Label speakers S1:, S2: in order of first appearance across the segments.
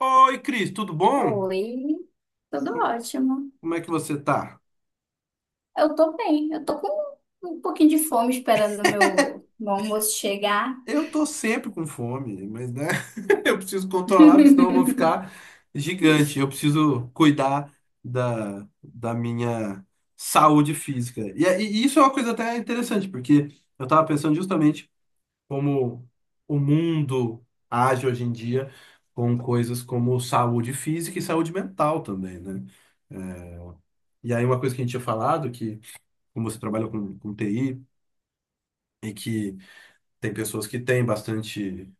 S1: Oi, Cris, tudo bom?
S2: Oi, tudo ótimo.
S1: Como é que você tá?
S2: Eu tô bem, eu tô com um pouquinho de fome esperando o meu, almoço chegar.
S1: Eu tô sempre com fome, mas né, eu preciso controlar, porque senão eu vou ficar gigante. Eu preciso cuidar da minha saúde física. E isso é uma coisa até interessante, porque eu tava pensando justamente como o mundo age hoje em dia com coisas como saúde física e saúde mental também, né? É, E aí uma coisa que a gente tinha falado, que como você trabalha com TI. Tem pessoas que têm bastante,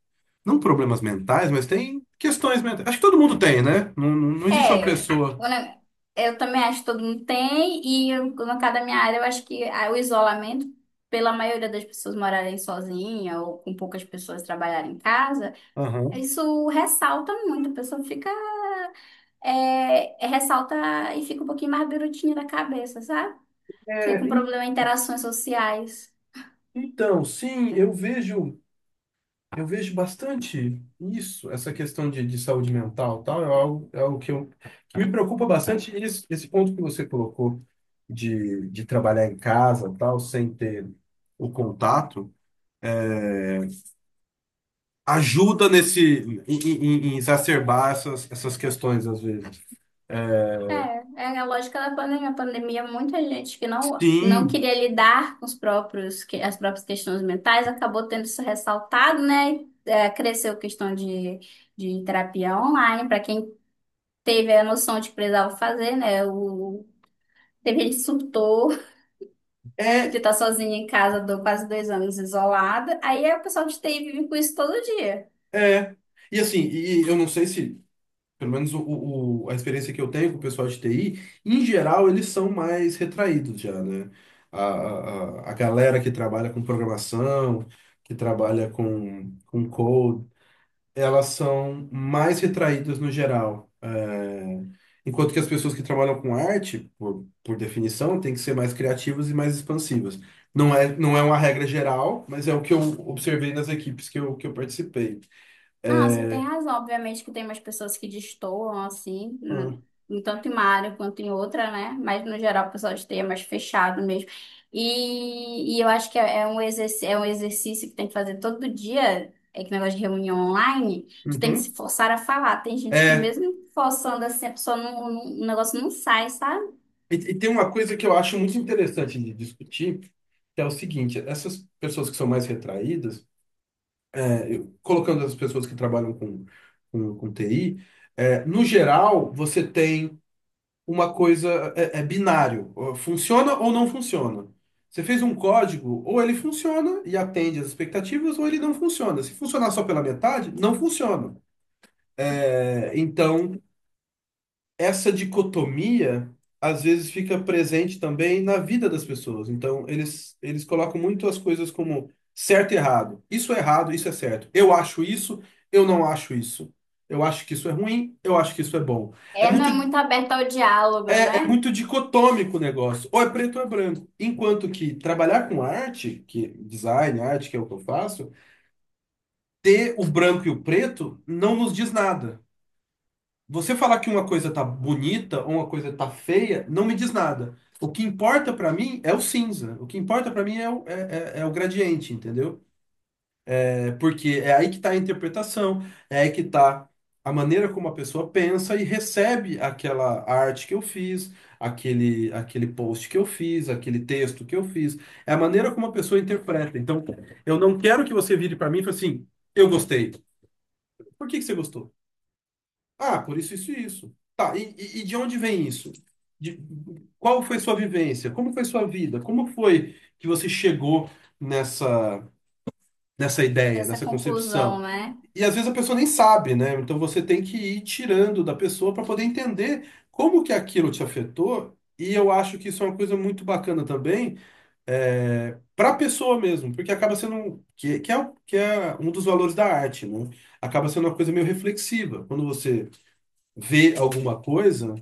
S1: não problemas mentais, mas tem questões mentais. Acho que todo mundo tem, né? Não existe uma
S2: É,
S1: pessoa.
S2: né, eu também acho que todo mundo tem, e eu, no caso da minha área, eu acho que o isolamento, pela maioria das pessoas morarem sozinha ou com poucas pessoas trabalharem em casa,
S1: Aham.
S2: isso ressalta muito, a pessoa fica, ressalta e fica um pouquinho mais birutinha da cabeça, sabe? Fica com
S1: É, en-
S2: problema em interações sociais.
S1: então, sim, eu vejo bastante isso, essa questão de saúde mental, e tal, é algo que me preocupa bastante. Esse ponto que você colocou de trabalhar em casa, tal, sem ter o contato, ajuda nesse em, em- em- em exacerbar essas questões às vezes.
S2: É, é a lógica da pandemia. A pandemia, muita gente que não
S1: Sim,
S2: queria lidar com as próprias questões mentais acabou tendo isso ressaltado, né? É, cresceu a questão de terapia online, para quem teve a noção de que precisava fazer, né? Teve gente que surtou de
S1: é,
S2: estar sozinha em casa quase dois anos isolada. Aí é o pessoal de TI vive com isso todo dia.
S1: É. E assim, e eu não sei se, pelo menos a experiência que eu tenho com o pessoal de TI, em geral eles são mais retraídos já, né? A galera que trabalha com programação, que trabalha com code, elas são mais retraídas no geral. É, Enquanto que as pessoas que trabalham com arte, por definição, têm que ser mais criativas e mais expansivas. Não é uma regra geral, mas é o que eu observei nas equipes que eu participei.
S2: Não, você tem
S1: É,
S2: razão. Obviamente que tem umas pessoas que destoam, assim,
S1: Ah,
S2: em tanto em uma área quanto em outra, né? Mas, no geral, o pessoal esteja mais fechado mesmo. E eu acho que é um exercício, é um exercício que tem que fazer todo dia, é que negócio de reunião online, tu tem que se
S1: uhum.
S2: forçar a falar. Tem gente que
S1: É,
S2: mesmo forçando assim, a pessoa o negócio não sai, sabe?
S1: e tem uma coisa que eu acho muito interessante de discutir, que é o seguinte, essas pessoas que são mais retraídas, colocando as pessoas que trabalham com TI, é, no geral, você tem uma coisa, é binário, ó, funciona ou não funciona. Você fez um código, ou ele funciona e atende às expectativas, ou ele não funciona. Se funcionar só pela metade, não funciona. É, então, essa dicotomia às vezes fica presente também na vida das pessoas. Então, eles colocam muito as coisas como certo e errado. Isso é errado, isso é certo. Eu acho isso, eu não acho isso. Eu acho que isso é ruim, eu acho que isso é bom. É
S2: É, não
S1: muito,
S2: é muito aberta ao diálogo,
S1: é
S2: né?
S1: muito dicotômico o negócio. Ou é preto ou é branco. Enquanto que trabalhar com arte, que design, arte, que é o que eu faço, ter o branco e o preto não nos diz nada. Você falar que uma coisa tá bonita ou uma coisa tá feia não me diz nada. O que importa pra mim é o cinza. O que importa pra mim é o gradiente, entendeu? É porque é aí que tá a interpretação, é aí que tá a maneira como a pessoa pensa e recebe aquela arte que eu fiz, aquele post que eu fiz, aquele texto que eu fiz. É a maneira como a pessoa interpreta. Então, eu não quero que você vire pra mim e fale assim, eu gostei. Por que que você gostou? Ah, por isso, isso e isso. Tá, e de onde vem isso? De- qual foi sua vivência? Como foi sua vida? Como foi que você chegou nessa, nessa ideia,
S2: Nessa
S1: nessa
S2: conclusão,
S1: concepção?
S2: né?
S1: E às vezes a pessoa nem sabe, né? Então você tem que ir tirando da pessoa para poder entender como que aquilo te afetou. E eu acho que isso é uma coisa muito bacana também, é, para a pessoa mesmo, porque acaba sendo que é um dos valores da arte, né? Acaba sendo uma coisa meio reflexiva. Quando você ver alguma coisa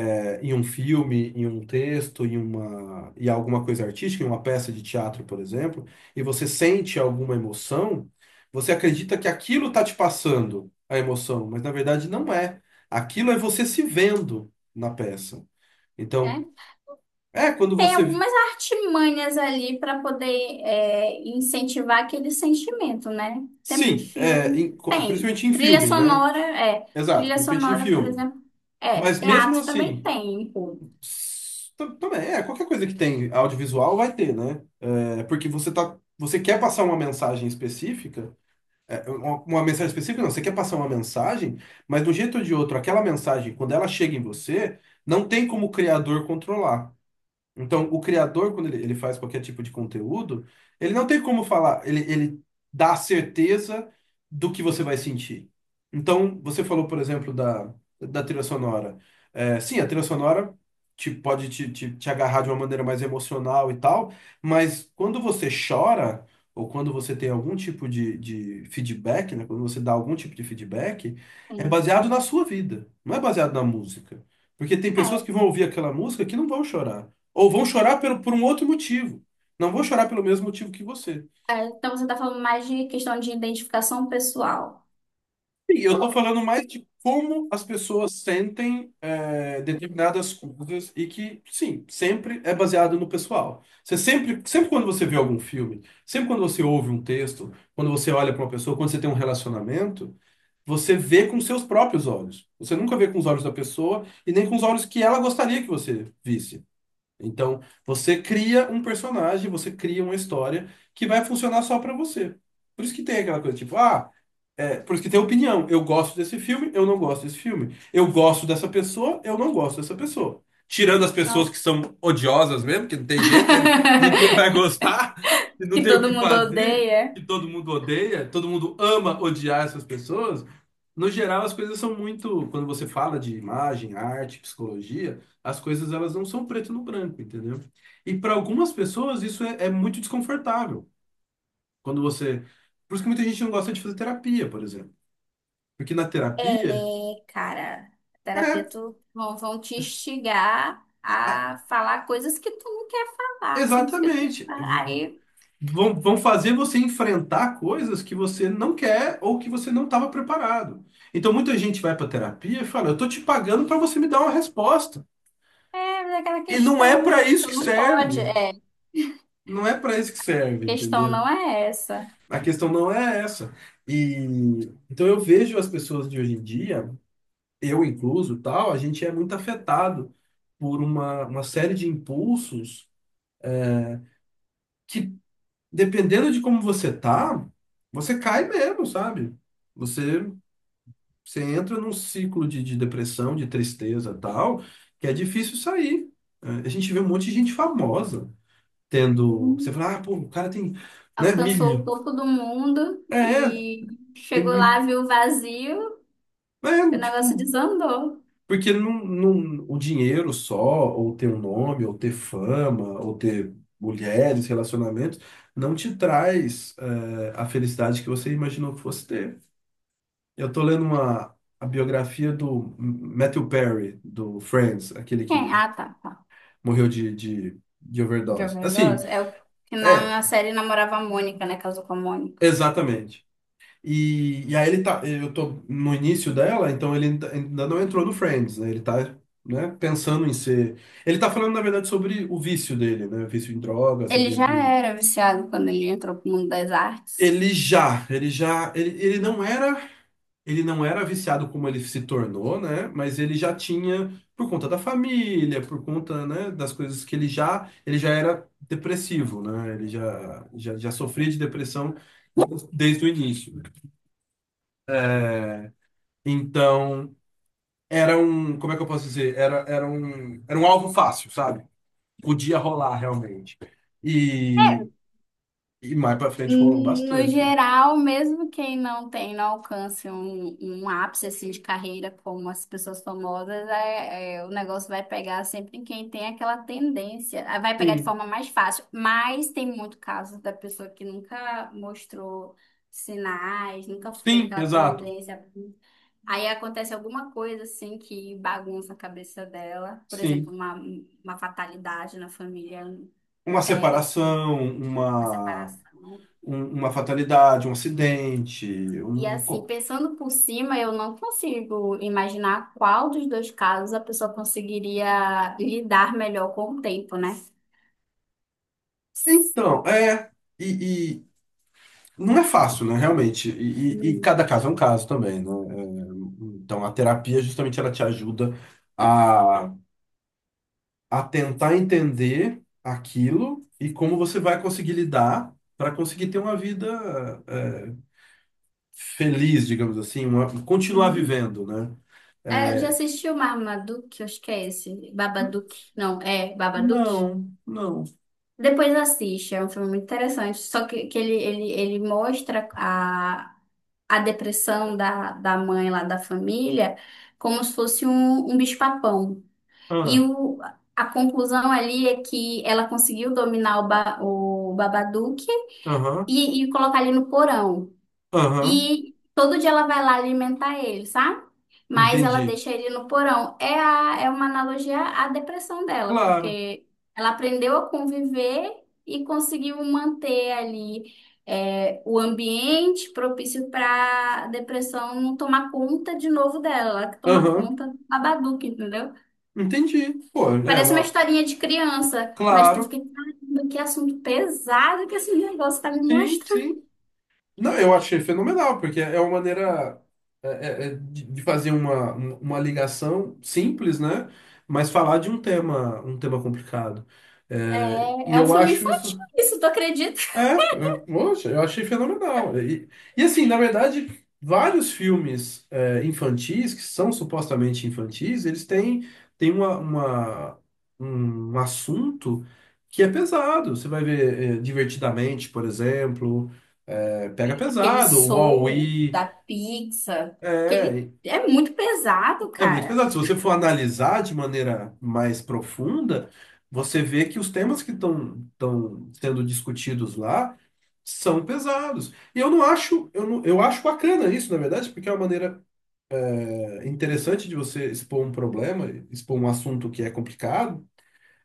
S1: em um filme, em um texto, em uma e alguma coisa artística, em uma peça de teatro, por exemplo, e você sente alguma emoção, você acredita que aquilo está te passando a emoção, mas na verdade não é. Aquilo é você se vendo na peça. Então,
S2: É.
S1: é quando
S2: Tem
S1: você
S2: algumas artimanhas ali para poder incentivar aquele sentimento, né? Sempre
S1: sim,
S2: filme tem.
S1: principalmente em
S2: Trilha
S1: filme, né?
S2: sonora, é.
S1: Exato,
S2: Trilha
S1: principalmente em
S2: sonora, por
S1: filme.
S2: exemplo, é.
S1: Mas mesmo
S2: Teatro também
S1: assim,
S2: tem, pô.
S1: também é qualquer coisa que tem audiovisual vai ter, né? É porque você tá, você quer passar uma mensagem específica, uma mensagem específica não, você quer passar uma mensagem, mas de um jeito ou de outro, aquela mensagem, quando ela chega em você, não tem como o criador controlar. Então, o criador, quando ele faz qualquer tipo de conteúdo, ele não tem como falar, ele dá a certeza do que você vai sentir. Então, você falou, por exemplo, da trilha sonora. É, sim, a trilha sonora pode te agarrar de uma maneira mais emocional e tal, mas quando você chora, ou quando você tem algum tipo de feedback, né, quando você dá algum tipo de feedback, é
S2: Tem.
S1: baseado na sua vida, não é baseado na música. Porque tem pessoas
S2: É.
S1: que vão ouvir aquela música que não vão chorar. Ou vão chorar por um outro motivo. Não vou chorar pelo mesmo motivo que você.
S2: É, então você tá falando mais de questão de identificação pessoal.
S1: E eu tô falando mais de como as pessoas sentem é, determinadas coisas e que, sim, sempre é baseado no pessoal. Você sempre quando você vê algum filme, sempre quando você ouve um texto, quando você olha para uma pessoa, quando você tem um relacionamento, você vê com seus próprios olhos. Você nunca vê com os olhos da pessoa e nem com os olhos que ela gostaria que você visse. Então, você cria um personagem, você cria uma história que vai funcionar só pra você. Por isso que tem aquela coisa tipo, ah, é, por isso que tem opinião. Eu gosto desse filme, eu não gosto desse filme. Eu gosto dessa pessoa, eu não gosto dessa pessoa. Tirando as pessoas
S2: Não.
S1: que são odiosas mesmo, que não tem jeito, né? Ninguém vai gostar, e não
S2: Que
S1: tem o
S2: todo
S1: que
S2: mundo
S1: fazer,
S2: odeia.
S1: que todo mundo odeia, todo mundo ama odiar essas pessoas. No geral, as coisas são muito. Quando você fala de imagem, arte, psicologia, as coisas elas não são preto no branco, entendeu? E para algumas pessoas isso é muito desconfortável. Quando você. Por isso que muita gente não gosta de fazer terapia, por exemplo. Porque na terapia,
S2: É, cara, terapia
S1: é,
S2: tu vão te instigar
S1: a-
S2: a falar coisas que tu não quer falar, assuntos que tu
S1: exatamente.
S2: aí
S1: Vão, vão fazer você enfrentar coisas que você não quer ou que você não estava preparado. Então muita gente vai para terapia e fala, eu tô te pagando para você me dar uma resposta.
S2: é aquela
S1: E não é para
S2: questão,
S1: isso
S2: tu
S1: que
S2: não pode,
S1: serve. Não é para isso que serve,
S2: questão
S1: entendeu?
S2: não é essa.
S1: A questão não é essa. E então eu vejo as pessoas de hoje em dia, eu incluso, tal, a gente é muito afetado por uma série de impulsos que dependendo de como você tá, você cai mesmo, sabe? Você, você entra num ciclo de depressão, de tristeza e tal, que é difícil sair. É, a gente vê um monte de gente famosa tendo. Você
S2: Hum.
S1: fala, ah, pô, o cara tem, né,
S2: Alcançou o
S1: milho.
S2: topo do mundo
S1: É, é,
S2: e
S1: tem
S2: chegou lá,
S1: milho.
S2: viu o vazio, e
S1: É,
S2: o negócio
S1: tipo,
S2: desandou.
S1: porque não, não, o dinheiro só, ou ter um nome, ou ter fama, ou ter mulheres, relacionamentos, não te traz, é, a felicidade que você imaginou que fosse ter. Eu tô lendo uma a biografia do Matthew Perry, do Friends, aquele
S2: É,
S1: que
S2: ah, tá, tá.
S1: morreu de
S2: de
S1: overdose.
S2: viu
S1: Assim,
S2: É o que na,
S1: é,
S2: na série namorava a Mônica, né? Casou com a Mônica.
S1: exatamente. E aí ele tá, eu tô no início dela, então ele ainda não entrou no Friends, né? Ele tá, né, pensando em ser. Ele tá falando, na verdade, sobre o vício dele, né? Vício em drogas.
S2: Ele já era viciado quando ele entrou pro mundo das artes.
S1: Ele já, ele já, ele, ele não era, ele não era viciado como ele se tornou, né? Mas ele já tinha, por conta da família, por conta, né, das coisas que ele já era depressivo, né? Ele já sofria de depressão desde o início. Então, era um, como é que eu posso dizer? Era um alvo fácil, sabe? Podia rolar realmente.
S2: É,
S1: E, e mais pra frente rolou
S2: no
S1: bastante.
S2: geral, mesmo quem não tem, não alcance um ápice assim, de carreira como as pessoas famosas, o negócio vai pegar sempre em quem tem aquela tendência. Ah, vai pegar de
S1: Sim,
S2: forma mais fácil, mas tem muito caso da pessoa que nunca mostrou sinais, nunca teve
S1: sim,
S2: aquela
S1: exato.
S2: tendência. Aí acontece alguma coisa assim que bagunça a cabeça dela, por exemplo,
S1: Sim.
S2: uma fatalidade na família,
S1: Uma
S2: pega assim,
S1: separação,
S2: uma
S1: uma,
S2: separação.
S1: uma fatalidade, um acidente,
S2: E
S1: um...
S2: assim,
S1: co-
S2: pensando por cima, eu não consigo imaginar qual dos dois casos a pessoa conseguiria lidar melhor com o tempo, né?
S1: Então, é, e não é fácil, né, realmente, e
S2: Hum.
S1: cada caso é um caso também, né. É, então a terapia justamente ela te ajuda a, a tentar entender aquilo e como você vai conseguir lidar para conseguir ter uma vida é, feliz, digamos assim, uma- continuar
S2: Uhum.
S1: vivendo, né?
S2: É, já assistiu Marmaduke? Acho que é esse. Babadook. Não, é Babadook.
S1: Não, não.
S2: Depois assiste, é um filme muito interessante. Só que ele mostra a depressão da mãe lá da família como se fosse um bicho-papão. E
S1: Ah,
S2: o, a conclusão ali é que ela conseguiu dominar o Babadook
S1: aham,
S2: e colocar ele no porão.
S1: aham.
S2: E todo dia ela vai lá alimentar ele, sabe? Mas ela
S1: Entendi.
S2: deixa ele no porão. É, é uma analogia à depressão dela,
S1: Claro.
S2: porque ela aprendeu a conviver e conseguiu manter ali o ambiente propício para a depressão não tomar conta de novo dela, ela que toma
S1: Aham.
S2: conta do Babadook, entendeu?
S1: Entendi. Pô, é
S2: Parece uma
S1: uma.
S2: historinha de criança, mas tu fica,
S1: Claro.
S2: caramba, que assunto pesado que esse negócio tá me
S1: Sim,
S2: mostrando.
S1: sim. Não, eu achei fenomenal, porque é uma maneira de fazer uma ligação simples, né? Mas falar de um tema complicado. É, e
S2: É, é um
S1: eu
S2: filme
S1: acho
S2: infantil,
S1: isso.
S2: isso, tu acredita?
S1: Poxa, eu achei fenomenal. E, assim, na verdade, vários filmes é, infantis, que são supostamente infantis, têm uma- um assunto que é pesado. Você vai ver é, Divertidamente, por exemplo, é, pega
S2: Aquele
S1: pesado, o
S2: Soul
S1: Wall-E,
S2: da Pixar, que ele
S1: é,
S2: é muito pesado,
S1: é muito
S2: cara.
S1: pesado. Se você for analisar de maneira mais profunda, você vê que os temas que estão sendo discutidos lá são pesados. E eu não acho, eu não, eu acho bacana isso, na verdade, porque é uma maneira é, interessante de você expor um problema, expor um assunto que é complicado,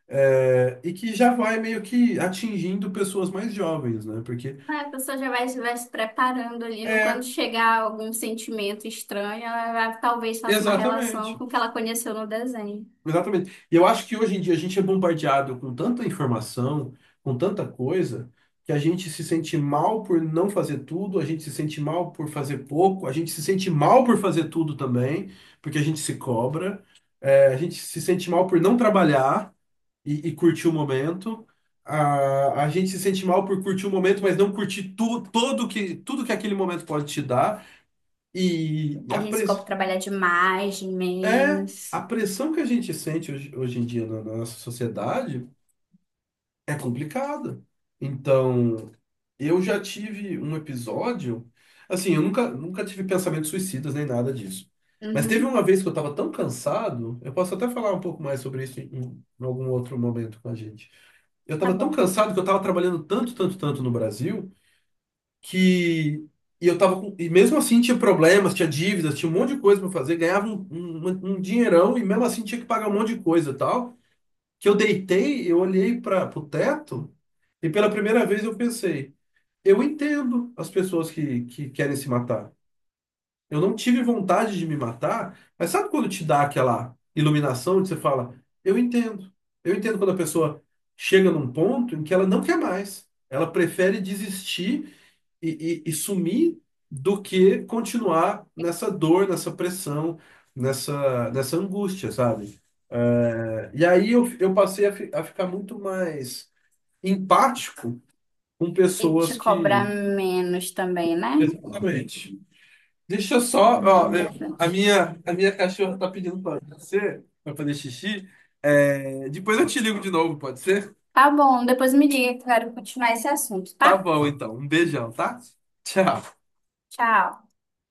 S1: é, e que já vai meio que atingindo pessoas mais jovens, né? Porque
S2: Ah, a pessoa já vai, se preparando ali, quando
S1: é,
S2: chegar algum sentimento estranho, talvez faça uma relação
S1: exatamente.
S2: com o que ela conheceu no desenho.
S1: Exatamente. E eu acho que hoje em dia a gente é bombardeado com tanta informação, com tanta coisa, que a gente se sente mal por não fazer tudo, a gente se sente mal por fazer pouco, a gente se sente mal por fazer tudo também, porque a gente se cobra. É, a gente se sente mal por não trabalhar e curtir o momento. A gente se sente mal por curtir o momento, mas não curtir tudo que aquele momento pode te dar. E
S2: A
S1: a
S2: gente ficou pra
S1: press...
S2: trabalhar de mais, de
S1: é a
S2: menos.
S1: pressão que a gente sente hoje em dia na nossa sociedade é complicada. Então, eu já tive um episódio, assim, eu nunca tive pensamentos suicidas nem nada disso. Mas teve
S2: Uhum,
S1: uma vez que eu estava tão cansado, eu posso até falar um pouco mais sobre isso em algum outro momento com a gente. Eu
S2: tá
S1: estava tão
S2: bom.
S1: cansado que eu estava trabalhando tanto no Brasil que e eu tava com, e mesmo assim tinha problemas, tinha dívidas, tinha um monte de coisa para fazer, ganhava um dinheirão e mesmo assim tinha que pagar um monte de coisa e tal. Que eu deitei, eu olhei para o teto e pela primeira vez eu pensei eu entendo as pessoas que querem se matar. Eu não tive vontade de me matar, mas sabe quando te dá aquela iluminação onde você fala, eu entendo. Eu entendo quando a pessoa chega num ponto em que ela não quer mais. Ela prefere desistir e sumir do que continuar nessa dor, nessa pressão, nessa angústia, sabe? É, eu passei a ficar muito mais empático com
S2: E te
S1: pessoas
S2: cobrar
S1: que.
S2: menos também, né?
S1: Exatamente. Deixa eu só,
S2: É
S1: ó, é,
S2: importante.
S1: a minha cachorra tá pedindo pra fazer xixi. É, depois eu te ligo de novo, pode ser?
S2: Tá bom, depois me diga que eu quero continuar esse assunto,
S1: Tá
S2: tá?
S1: bom, então. Um beijão, tá? Tchau.
S2: Tchau.